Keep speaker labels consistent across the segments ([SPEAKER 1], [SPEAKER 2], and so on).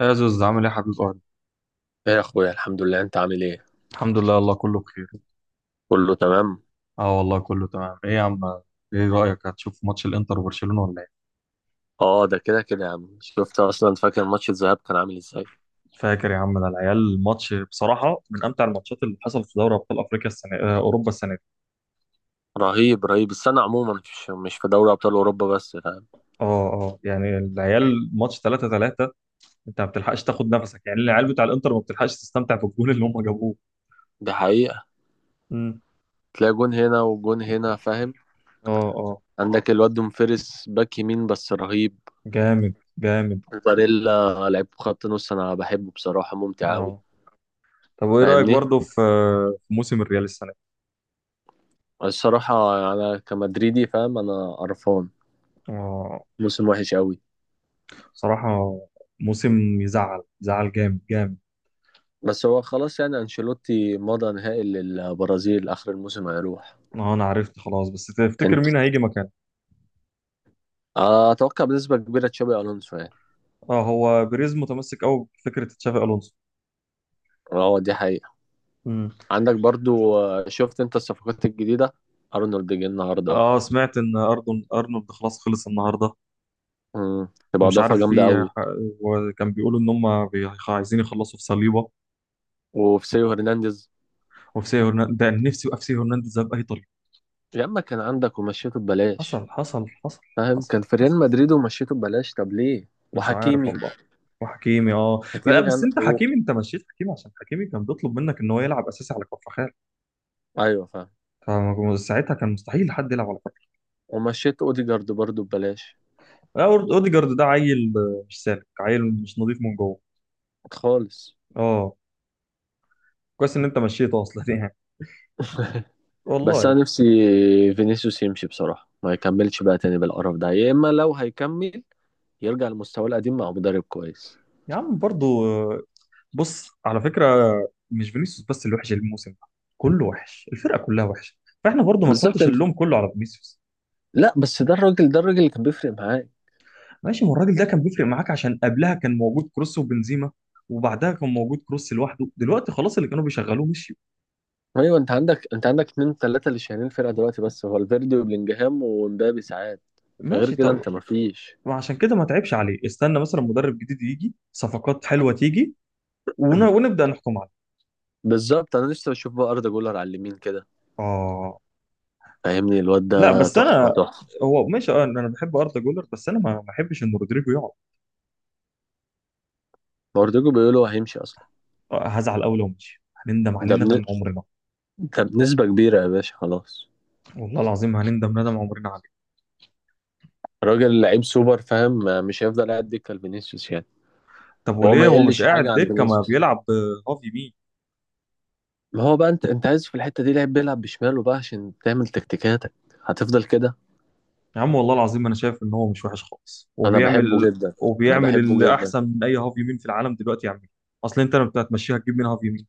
[SPEAKER 1] يا زوز، عامل ايه يا حبيب قلبي؟
[SPEAKER 2] ايه يا اخويا، الحمد لله. انت عامل ايه؟
[SPEAKER 1] الحمد لله، والله كله بخير.
[SPEAKER 2] كله تمام.
[SPEAKER 1] اه، والله كله تمام. ايه يا عم؟ ايه رأيك، هتشوف ماتش الانتر وبرشلونة ولا ايه؟
[SPEAKER 2] اه، ده كده كده يا عم، شفت اصلا. فاكر ماتش الذهاب كان عامل ازاي؟
[SPEAKER 1] فاكر يا عم، ده العيال الماتش بصراحة من امتع الماتشات اللي حصل في دوري ابطال افريقيا السنة، اوروبا السنة دي.
[SPEAKER 2] رهيب رهيب. السنه عموما مش في دوري ابطال اوروبا بس، فاهم.
[SPEAKER 1] اه، اه، يعني العيال ماتش 3-3. انت ما بتلحقش تاخد نفسك، يعني العيال بتاع الانتر ما بتلحقش تستمتع بالجول اللي هم جابوه.
[SPEAKER 2] دي حقيقه.
[SPEAKER 1] امم.
[SPEAKER 2] تلاقي جون هنا وجون هنا، فاهم.
[SPEAKER 1] اه، اه،
[SPEAKER 2] عندك الواد دوم فيرس باك يمين، بس رهيب.
[SPEAKER 1] جامد جامد.
[SPEAKER 2] باريلا لعيب خط نص انا بحبه بصراحه، ممتع قوي.
[SPEAKER 1] اه، طب وايه رأيك
[SPEAKER 2] فاهمني.
[SPEAKER 1] برضه في موسم الريال السنة دي؟
[SPEAKER 2] الصراحه، انا كمدريدي، فاهم، انا قرفان.
[SPEAKER 1] اه،
[SPEAKER 2] موسم وحش قوي.
[SPEAKER 1] بصراحة موسم يزعل يزعل جامد جامد.
[SPEAKER 2] بس هو خلاص يعني، انشيلوتي مضى نهائي للبرازيل، اخر الموسم هيروح.
[SPEAKER 1] اه، انا عرفت خلاص، بس تفتكر مين هيجي مكانه؟
[SPEAKER 2] اتوقع بنسبه كبيره تشابي الونسو يعني.
[SPEAKER 1] اه، هو بيريز متمسك قوي بفكرة تشافي الونسو.
[SPEAKER 2] اه، دي حقيقه.
[SPEAKER 1] مم.
[SPEAKER 2] عندك برضو، شفت انت الصفقات الجديده؟ ارنولد جه النهارده اهو.
[SPEAKER 1] اه، سمعت ان اردن ارنولد خلاص خلص النهارده.
[SPEAKER 2] مم، تبقى
[SPEAKER 1] ومش
[SPEAKER 2] اضافه
[SPEAKER 1] عارف
[SPEAKER 2] جامده
[SPEAKER 1] في.
[SPEAKER 2] قوي.
[SPEAKER 1] وكان بيقولوا ان هم عايزين يخلصوا في صليبه.
[SPEAKER 2] وفي سيو هرنانديز.
[SPEAKER 1] وفي سيو هرنانديز، ده أنا نفسي يبقى في سيو هرنانديز ده باي طريقه.
[SPEAKER 2] يا اما كان عندك ومشيته ببلاش،
[SPEAKER 1] حصل، حصل، حصل.
[SPEAKER 2] فاهم،
[SPEAKER 1] حصل.
[SPEAKER 2] كان في ريال مدريد ومشيته ببلاش. طب ليه؟
[SPEAKER 1] مش عارف
[SPEAKER 2] وحكيمي.
[SPEAKER 1] والله. وحكيمي، اه. لا
[SPEAKER 2] حكيمي
[SPEAKER 1] بس
[SPEAKER 2] كان
[SPEAKER 1] انت
[SPEAKER 2] و...
[SPEAKER 1] حكيمي، انت مشيت حكيمي عشان حكيمي كان بيطلب منك ان هو يلعب اساسي على كفر.
[SPEAKER 2] ايوه فاهم.
[SPEAKER 1] فساعتها كان مستحيل حد يلعب على فكره.
[SPEAKER 2] ومشيت اوديجارد برضو ببلاش.
[SPEAKER 1] اوديجارد ده عيل، مش سالك، عيل مش نظيف من جوه.
[SPEAKER 2] خالص.
[SPEAKER 1] اه. كويس ان انت مشيته اصلا يعني.
[SPEAKER 2] بس
[SPEAKER 1] والله.
[SPEAKER 2] انا نفسي فينيسيوس يمشي بصراحه، ما يكملش بقى تاني بالقرف ده، يا اما لو هيكمل يرجع لمستواه القديم مع مدرب كويس.
[SPEAKER 1] يا عم برضو بص، على فكره. مش فينيسيوس بس اللي وحش الموسم ده. كله وحش، الفرقه كلها وحشه. فاحنا برضو ما
[SPEAKER 2] بالظبط
[SPEAKER 1] نحطش
[SPEAKER 2] انت.
[SPEAKER 1] اللوم كله على فينيسيوس.
[SPEAKER 2] لا، بس ده الراجل اللي كان بيفرق معاك.
[SPEAKER 1] ماشي، ما الراجل ده كان بيفرق معاك عشان قبلها كان موجود كروس وبنزيما. وبعدها كان موجود كروس لوحده، دلوقتي خلاص، اللي كانوا بيشغلوه مشيوا.
[SPEAKER 2] ايوه، انت عندك اتنين تلاته اللي شايلين الفرقه دلوقتي، بس هو الفيردي وبلينجهام ومبابي ساعات. غير
[SPEAKER 1] ماشي،
[SPEAKER 2] كده
[SPEAKER 1] طب.
[SPEAKER 2] انت مفيش.
[SPEAKER 1] وعشان كده ما تعبش عليه، استنى مثلا مدرب جديد يجي، صفقات حلوه تيجي. ونبدا نحكم عليه.
[SPEAKER 2] بالظبط، انا لسه بشوف بقى اردا جولر على اليمين كده.
[SPEAKER 1] اه،
[SPEAKER 2] فاهمني، الواد
[SPEAKER 1] لا
[SPEAKER 2] ده
[SPEAKER 1] بس
[SPEAKER 2] تحفه
[SPEAKER 1] انا.
[SPEAKER 2] تحفه.
[SPEAKER 1] هو ماشي، اه انا بحب اردا جولر، بس انا ما بحبش ان رودريجو يقعد.
[SPEAKER 2] برضه بيقولوا هيمشي اصلا.
[SPEAKER 1] هزعل قوي لو مشي، هنندم عليه
[SPEAKER 2] ده بن...
[SPEAKER 1] ندم عمرنا.
[SPEAKER 2] ده بنسبه كبيره يا باشا خلاص.
[SPEAKER 1] والله العظيم هنندم ندم عمرنا عليه.
[SPEAKER 2] راجل لعيب سوبر، فاهم، مش هيفضل قاعد دكه لفينيسيوس يعني.
[SPEAKER 1] طب
[SPEAKER 2] وهو
[SPEAKER 1] وليه
[SPEAKER 2] ما
[SPEAKER 1] هو مش
[SPEAKER 2] يقلش حاجه
[SPEAKER 1] قاعد
[SPEAKER 2] عن
[SPEAKER 1] دكه، ما
[SPEAKER 2] فينيسيوس.
[SPEAKER 1] بيلعب هافي مين؟
[SPEAKER 2] ما هو بقى انت عايز في الحته دي لعيب بيلعب بشماله بقى عشان تعمل تكتيكاتك، هتفضل كده.
[SPEAKER 1] يا عم والله العظيم انا شايف ان هو مش وحش خالص،
[SPEAKER 2] انا
[SPEAKER 1] وبيعمل.
[SPEAKER 2] بحبه جدا. انا
[SPEAKER 1] وبيعمل
[SPEAKER 2] بحبه
[SPEAKER 1] اللي
[SPEAKER 2] جدا.
[SPEAKER 1] احسن من اي هافي مين في العالم دلوقتي يعمله. اصل انت لما هتمشيها هتجيب مين هافي مين؟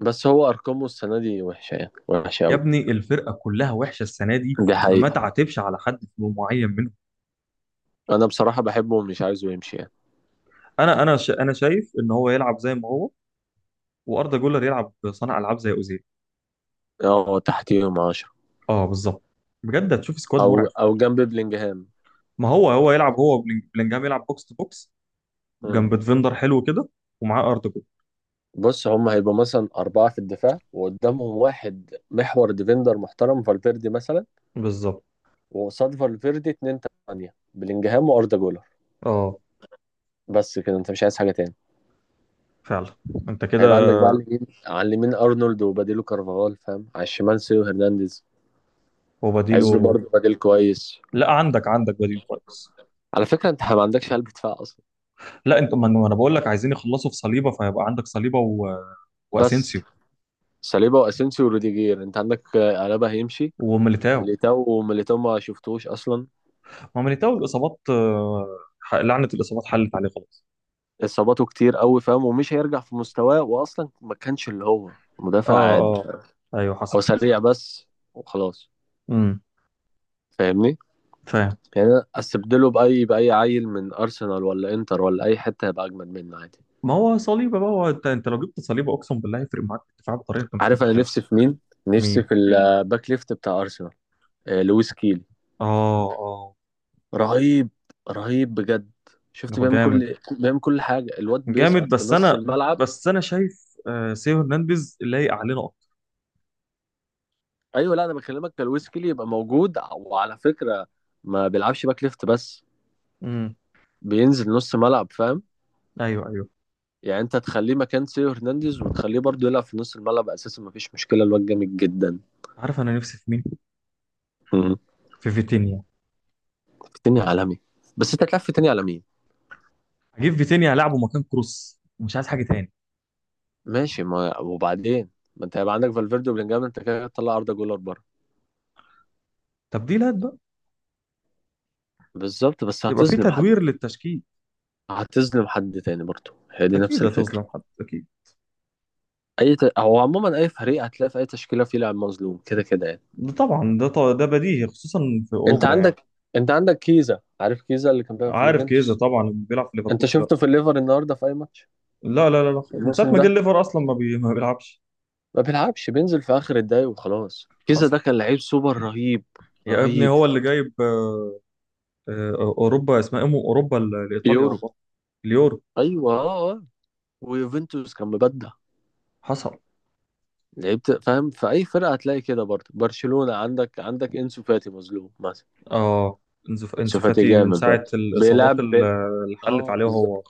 [SPEAKER 2] بس هو ارقامه السنه دي وحشه يعني، وحشه
[SPEAKER 1] يا
[SPEAKER 2] قوي.
[SPEAKER 1] ابني الفرقه كلها وحشه السنه دي.
[SPEAKER 2] دي
[SPEAKER 1] فما
[SPEAKER 2] حقيقه.
[SPEAKER 1] تعاتبش على حد معين منهم.
[SPEAKER 2] انا بصراحه بحبه، ومش عايزه يمشي يعني.
[SPEAKER 1] انا شايف ان هو يلعب زي ما هو. واردا جولر يلعب صانع العاب زي اوزيل.
[SPEAKER 2] اه، تحتيهم 10،
[SPEAKER 1] اه، بالظبط. بجد هتشوف سكواد
[SPEAKER 2] او
[SPEAKER 1] مرعب.
[SPEAKER 2] او جنب بلينجهام.
[SPEAKER 1] ما هو يلعب، بلينجهام يلعب بوكس تو بوكس.
[SPEAKER 2] مم.
[SPEAKER 1] جنب ديفندر حلو كده. ومعاه اردا جولر.
[SPEAKER 2] بص، هم هيبقوا مثلا أربعة في الدفاع، وقدامهم واحد محور ديفندر محترم فالفيردي مثلا.
[SPEAKER 1] بالظبط.
[SPEAKER 2] وقصاد فالفيردي اتنين، تانية بلينجهام وأردا جولر.
[SPEAKER 1] اه،
[SPEAKER 2] بس كده انت مش عايز حاجة تاني.
[SPEAKER 1] فعلا. انت كده.
[SPEAKER 2] هيبقى عندك بقى على اليمين أرنولد وبديله كارفاغال، فاهم، على الشمال سيو هرنانديز. عايز له
[SPEAKER 1] وبديله.
[SPEAKER 2] برضه بديل كويس.
[SPEAKER 1] لا، عندك بديل كويس.
[SPEAKER 2] على فكرة انت ما عندكش قلب دفاع اصلا.
[SPEAKER 1] لا انت، ما انا ما أنا بقول لك عايزين يخلصوا في صليبه، فيبقى عندك صليبه
[SPEAKER 2] بس
[SPEAKER 1] واسينسيو.
[SPEAKER 2] ساليبا واسينسيو وروديجير انت عندك، الابا هيمشي.
[SPEAKER 1] وميليتاو.
[SPEAKER 2] وميليتاو ما شفتوش اصلا.
[SPEAKER 1] هو ميليتاو الاصابات، لعنه الاصابات حلت عليه خلاص.
[SPEAKER 2] اصاباته كتير قوي، فاهم، ومش هيرجع في مستواه، واصلا ما كانش اللي هو مدافع
[SPEAKER 1] اه،
[SPEAKER 2] عادي.
[SPEAKER 1] اه، ايوه،
[SPEAKER 2] او
[SPEAKER 1] حصل حصل.
[SPEAKER 2] سريع بس. وخلاص.
[SPEAKER 1] امم،
[SPEAKER 2] فاهمني.
[SPEAKER 1] فاهم.
[SPEAKER 2] يعني أنا استبدله باي عيل من ارسنال ولا انتر ولا اي حتة هيبقى اجمد منه عادي.
[SPEAKER 1] ما هو صليبه بقى، هو انت لو جبت صليبه اقسم بالله هيفرق معاك في الدفاع بطريقه انت مش
[SPEAKER 2] عارف انا
[SPEAKER 1] متخيلها.
[SPEAKER 2] نفسي في مين. نفسي
[SPEAKER 1] مين؟
[SPEAKER 2] في الباك ليفت بتاع ارسنال. لويس كيل.
[SPEAKER 1] اه، اه،
[SPEAKER 2] رهيب. رهيب بجد. شفت
[SPEAKER 1] هو
[SPEAKER 2] بيعمل
[SPEAKER 1] جامد.
[SPEAKER 2] كل بيعمل كل حاجه، الواد
[SPEAKER 1] جامد،
[SPEAKER 2] بيسقط في
[SPEAKER 1] بس
[SPEAKER 2] نص
[SPEAKER 1] انا.
[SPEAKER 2] الملعب.
[SPEAKER 1] بس انا شايف سيو هرنانديز لايق علينا اكتر.
[SPEAKER 2] ايوه، لا انا بكلمك كالويسكلي يبقى موجود، وعلى فكره ما بيلعبش باك ليفت بس،
[SPEAKER 1] امم.
[SPEAKER 2] بينزل نص ملعب، فاهم.
[SPEAKER 1] ايوه، ايوه.
[SPEAKER 2] يعني انت تخليه مكان سيو هرنانديز، وتخليه برضه يلعب في نص الملعب اساسا، مفيش مشكله، الواد جامد جدا.
[SPEAKER 1] عارف انا نفسي في مين؟
[SPEAKER 2] مم.
[SPEAKER 1] في فيتينيا.
[SPEAKER 2] في تاني عالمي. بس انت هتلعب في تاني على مين؟
[SPEAKER 1] هجيب فيتينيا العبه مكان كروس، مش عايز حاجه تاني.
[SPEAKER 2] ماشي، ما وبعدين، ما انت هيبقى عندك فالفيردي وبلينجهام، انت كده تطلع اردا جولر بره.
[SPEAKER 1] تبديلات بقى.
[SPEAKER 2] بالظبط، بس
[SPEAKER 1] يبقى في
[SPEAKER 2] هتظلم حد.
[SPEAKER 1] تدوير للتشكيل.
[SPEAKER 2] هتظلم حد تاني برضه، هي دي نفس
[SPEAKER 1] اكيد
[SPEAKER 2] الفكره.
[SPEAKER 1] هتظلم حد، اكيد.
[SPEAKER 2] هو عموما اي فريق هتلاقي في اي تشكيله فيه لاعب مظلوم كده كده يعني.
[SPEAKER 1] ده طبعا، ده بديهي، خصوصا في
[SPEAKER 2] انت
[SPEAKER 1] اوروبا يعني.
[SPEAKER 2] عندك انت عندك كيزا، عارف كيزا اللي كان بيلعب في
[SPEAKER 1] عارف كيزا
[SPEAKER 2] اليوفنتوس.
[SPEAKER 1] طبعا، اللي بيلعب في
[SPEAKER 2] انت
[SPEAKER 1] ليفربول
[SPEAKER 2] شفته
[SPEAKER 1] دلوقتي.
[SPEAKER 2] في الليفر النهارده في اي ماتش؟
[SPEAKER 1] لا، لا، لا، لا، من ساعه
[SPEAKER 2] الموسم
[SPEAKER 1] ما جه
[SPEAKER 2] ده
[SPEAKER 1] الليفر اصلا ما بيلعبش.
[SPEAKER 2] ما بيلعبش، بينزل في اخر الدقايق وخلاص. كيزا
[SPEAKER 1] حصل.
[SPEAKER 2] ده كان لعيب سوبر، رهيب.
[SPEAKER 1] يا ابني
[SPEAKER 2] رهيب.
[SPEAKER 1] هو اللي جايب اوروبا اسمها ايه، اوروبا لايطاليا
[SPEAKER 2] يورو.
[SPEAKER 1] والله. اليورو.
[SPEAKER 2] ايوه، اه اه. ويوفنتوس كان مبدع.
[SPEAKER 1] حصل.
[SPEAKER 2] لعيبت، فاهم، في اي فرقه هتلاقي كده برضه. برشلونه، عندك انسو فاتي مظلوم مثلا.
[SPEAKER 1] اه، انسو
[SPEAKER 2] انسو
[SPEAKER 1] إنسو
[SPEAKER 2] فاتي
[SPEAKER 1] فاتي من
[SPEAKER 2] جامد
[SPEAKER 1] ساعه
[SPEAKER 2] برضه
[SPEAKER 1] الاصابات
[SPEAKER 2] بيلعب بيل...
[SPEAKER 1] اللي حلت
[SPEAKER 2] اه
[SPEAKER 1] عليه
[SPEAKER 2] بالظبط.
[SPEAKER 1] هو.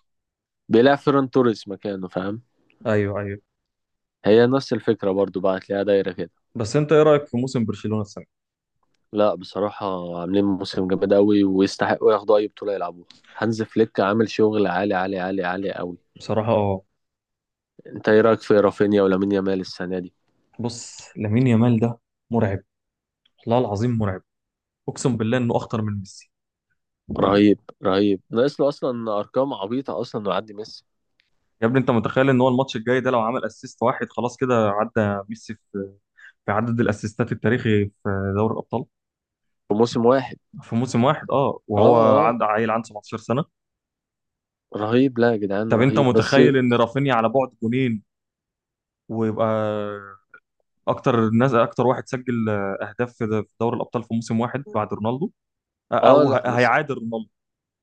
[SPEAKER 2] بيلعب فيران توريس مكانه، فاهم.
[SPEAKER 1] ايوه، ايوه.
[SPEAKER 2] هي نفس الفكرة برضو بقى، هتلاقيها دايرة كده.
[SPEAKER 1] بس انت ايه رايك في موسم برشلونه السنه؟
[SPEAKER 2] لا، بصراحة عاملين موسم جامد أوي، ويستحقوا ياخدوا أي بطولة يلعبوها. هانز فليك عامل شغل عالي عالي عالي عالي أوي.
[SPEAKER 1] بصراحه، اه.
[SPEAKER 2] أنت إيه رأيك في رافينيا ولامين يامال السنة دي؟
[SPEAKER 1] بص، لامين يامال ده مرعب. والله العظيم مرعب. اقسم بالله انه اخطر من ميسي.
[SPEAKER 2] رهيب رهيب، ناقص له أصلا أرقام عبيطة أصلا إنه يعدي ميسي
[SPEAKER 1] يا ابني انت متخيل ان هو الماتش الجاي ده لو عمل اسيست واحد خلاص كده عدى ميسي في عدد الاسيستات التاريخي في دوري الابطال
[SPEAKER 2] في موسم واحد.
[SPEAKER 1] في موسم واحد. اه
[SPEAKER 2] أه
[SPEAKER 1] وهو
[SPEAKER 2] أه.
[SPEAKER 1] عند، عيل عنده 17 سنه.
[SPEAKER 2] رهيب، لا يا جدعان،
[SPEAKER 1] طب انت
[SPEAKER 2] رهيب بس.
[SPEAKER 1] متخيل ان رافينيا على بعد جونين، ويبقى اكتر واحد سجل اهداف في دوري الابطال في موسم واحد بعد رونالدو،
[SPEAKER 2] أه،
[SPEAKER 1] او
[SPEAKER 2] لا ميسي.
[SPEAKER 1] هيعادل رونالدو.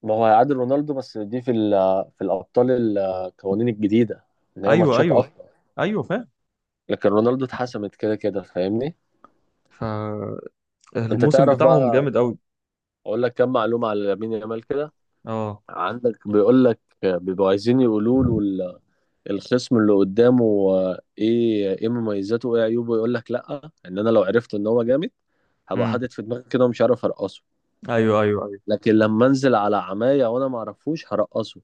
[SPEAKER 2] ما هو هيعادل رونالدو، بس دي في في الأبطال، القوانين الجديدة، إن هي
[SPEAKER 1] ايوه،
[SPEAKER 2] ماتشات
[SPEAKER 1] ايوه،
[SPEAKER 2] أكتر.
[SPEAKER 1] ايوه، فاهم.
[SPEAKER 2] لكن رونالدو اتحسمت كده كده، فاهمني؟ أنت
[SPEAKER 1] فالموسم
[SPEAKER 2] تعرف
[SPEAKER 1] بتاعهم
[SPEAKER 2] بقى،
[SPEAKER 1] جامد قوي.
[SPEAKER 2] اقول لك كم معلومه على لامين يامال كده.
[SPEAKER 1] اه.
[SPEAKER 2] عندك بيقول لك بيبقوا عايزين يقولوا له الخصم اللي قدامه ايه مميزاته وايه عيوبه، يقول لك لا، ان انا لو عرفت ان هو جامد هبقى
[SPEAKER 1] امم.
[SPEAKER 2] حاطط في دماغي كده، ومش عارف ارقصه.
[SPEAKER 1] ايوه، ايوه.
[SPEAKER 2] لكن لما انزل على عمايه وانا ما اعرفوش هرقصه،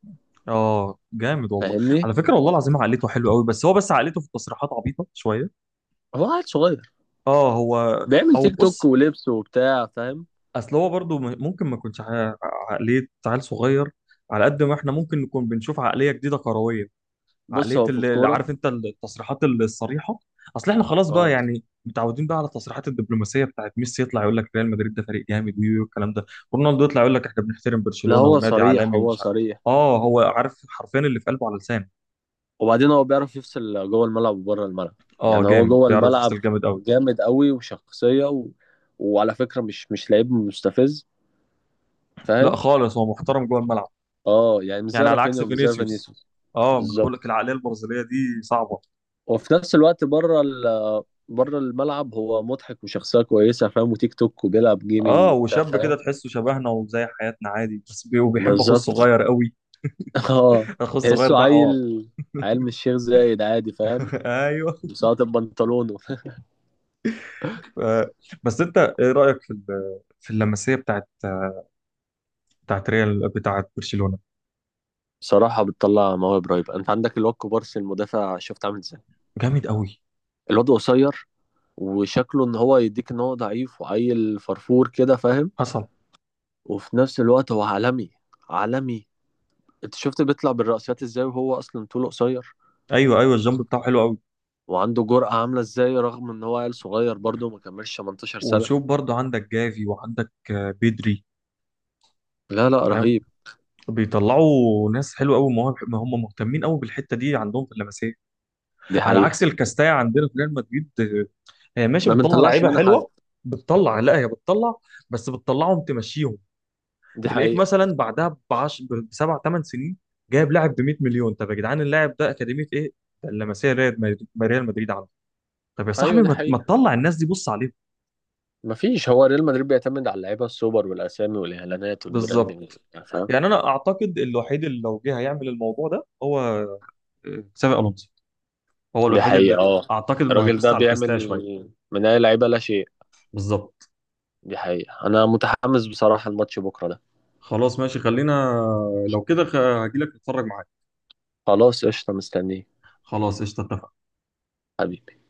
[SPEAKER 1] اه، جامد والله.
[SPEAKER 2] فاهمني.
[SPEAKER 1] على فكره والله العظيم عقليته حلوه قوي، بس عقليته في التصريحات عبيطه شويه.
[SPEAKER 2] هو عيل صغير،
[SPEAKER 1] اه، هو.
[SPEAKER 2] بيعمل
[SPEAKER 1] او،
[SPEAKER 2] تيك توك
[SPEAKER 1] بص.
[SPEAKER 2] ولبس وبتاع، فاهم.
[SPEAKER 1] اصل هو برضو ممكن ما يكونش عقليه عيل صغير. على قد ما احنا ممكن نكون بنشوف عقليه جديده كرويه.
[SPEAKER 2] بص
[SPEAKER 1] عقليه،
[SPEAKER 2] هو في
[SPEAKER 1] اللي
[SPEAKER 2] الكوره.
[SPEAKER 1] عارف انت التصريحات الصريحه. اصل احنا خلاص بقى
[SPEAKER 2] اه،
[SPEAKER 1] يعني متعودين بقى على التصريحات الدبلوماسيه بتاعت ميسي، يطلع يقول لك ريال مدريد ده فريق جامد ويو الكلام ده. رونالدو يطلع يقول لك احنا بنحترم
[SPEAKER 2] لا
[SPEAKER 1] برشلونه
[SPEAKER 2] هو
[SPEAKER 1] ونادي
[SPEAKER 2] صريح،
[SPEAKER 1] عالمي
[SPEAKER 2] هو
[SPEAKER 1] ومش عارف.
[SPEAKER 2] صريح.
[SPEAKER 1] اه، هو عارف حرفيا اللي في قلبه على لسانه.
[SPEAKER 2] وبعدين هو بيعرف يفصل جوه الملعب وبره الملعب.
[SPEAKER 1] اه،
[SPEAKER 2] يعني هو
[SPEAKER 1] جامد
[SPEAKER 2] جوه
[SPEAKER 1] بيعرف
[SPEAKER 2] الملعب
[SPEAKER 1] يفصل جامد قوي.
[SPEAKER 2] جامد قوي وشخصية و... وعلى فكرة مش لعيب مستفز،
[SPEAKER 1] لا
[SPEAKER 2] فاهم.
[SPEAKER 1] خالص، هو محترم جوه الملعب.
[SPEAKER 2] اه، يعني مش زي
[SPEAKER 1] يعني على
[SPEAKER 2] رافينيا
[SPEAKER 1] عكس
[SPEAKER 2] ومش زي
[SPEAKER 1] فينيسيوس.
[SPEAKER 2] فينيسيوس.
[SPEAKER 1] اه، ما انا بقول لك
[SPEAKER 2] بالظبط.
[SPEAKER 1] العقليه البرازيليه دي صعبه.
[SPEAKER 2] وفي نفس الوقت بره بره الملعب هو مضحك وشخصية كويسة، فاهم، وتيك توك وبيلعب جيمنج
[SPEAKER 1] اه،
[SPEAKER 2] وبتاع،
[SPEAKER 1] وشاب كده
[SPEAKER 2] فاهم.
[SPEAKER 1] تحسه شبهنا وزي حياتنا عادي، بس وبيحب اخو
[SPEAKER 2] بالظبط.
[SPEAKER 1] الصغير قوي.
[SPEAKER 2] اه.
[SPEAKER 1] اخو الصغير
[SPEAKER 2] تحسه
[SPEAKER 1] ده
[SPEAKER 2] عيل،
[SPEAKER 1] حوار.
[SPEAKER 2] عيل من الشيخ زايد عادي، فاهم،
[SPEAKER 1] ايوه.
[SPEAKER 2] مساقط بنطلونه.
[SPEAKER 1] آه. بس انت ايه رايك في في اللمسيه بتاعت، بتاعت ريال بتاعت برشلونه.
[SPEAKER 2] بصراحة بتطلع مواهب رهيبة. انت عندك الواد كوبارسي المدافع، شفت عامل ازاي؟
[SPEAKER 1] جامد قوي.
[SPEAKER 2] الواد قصير، وشكله ان هو يديك ان هو ضعيف وعيل فرفور كده، فاهم.
[SPEAKER 1] حصل.
[SPEAKER 2] وفي نفس الوقت هو عالمي، عالمي. انت شفت بيطلع بالرأسيات ازاي وهو اصلا طوله قصير،
[SPEAKER 1] ايوه، ايوه، الجنب بتاعه حلو قوي.
[SPEAKER 2] وعنده جرأة عاملة ازاي، رغم ان هو عيل صغير برضه ما كملش 18 سنة.
[SPEAKER 1] وشوف برضه عندك جافي وعندك بيدري.
[SPEAKER 2] لا لا، رهيب.
[SPEAKER 1] بيطلعوا ناس حلوه قوي، مواهب، ما هم مهتمين قوي بالحته دي عندهم في اللمسيه.
[SPEAKER 2] دي
[SPEAKER 1] على عكس
[SPEAKER 2] حقيقة.
[SPEAKER 1] الكاستايا عندنا في ريال مدريد، هي ماشي
[SPEAKER 2] ما
[SPEAKER 1] بتطلع
[SPEAKER 2] بنطلعش
[SPEAKER 1] لعيبه
[SPEAKER 2] منها حد.
[SPEAKER 1] حلوه. بتطلع لا هي بتطلع. بس بتطلعهم تمشيهم.
[SPEAKER 2] دي
[SPEAKER 1] تلاقيك
[SPEAKER 2] حقيقة.
[SPEAKER 1] مثلا بعدها بسبع ثمان سنين جايب لاعب ب 100 مليون، طب يا جدعان اللاعب ده اكاديميه ايه؟ ده اللمسيه، ريال مدريد ريال مدريد عنده. طب يا صاحبي
[SPEAKER 2] ايوه دي
[SPEAKER 1] ما
[SPEAKER 2] حقيقة.
[SPEAKER 1] تطلع الناس دي، بص عليهم.
[SPEAKER 2] مفيش، هو ريال مدريد بيعتمد على اللعيبة السوبر والاسامي والاعلانات
[SPEAKER 1] بالظبط.
[SPEAKER 2] والبراندنج، فاهم.
[SPEAKER 1] يعني انا اعتقد الوحيد اللي لو جه هيعمل الموضوع ده هو تشافي الونسو. هو
[SPEAKER 2] دي
[SPEAKER 1] الوحيد
[SPEAKER 2] حقيقة
[SPEAKER 1] اللي
[SPEAKER 2] اه.
[SPEAKER 1] اعتقد انه
[SPEAKER 2] الراجل
[SPEAKER 1] هيبص
[SPEAKER 2] ده
[SPEAKER 1] على الكاستية
[SPEAKER 2] بيعمل
[SPEAKER 1] شويه.
[SPEAKER 2] من اي لعيبة لا شيء.
[SPEAKER 1] بالظبط.
[SPEAKER 2] دي حقيقة. أنا متحمس بصراحة، الماتش بكرة ده.
[SPEAKER 1] خلاص، ماشي، خلينا. لو كده هجيلك نتفرج معاك.
[SPEAKER 2] خلاص قشطة، مستنيه.
[SPEAKER 1] خلاص قشطه، اتفقنا.
[SPEAKER 2] حبيبي.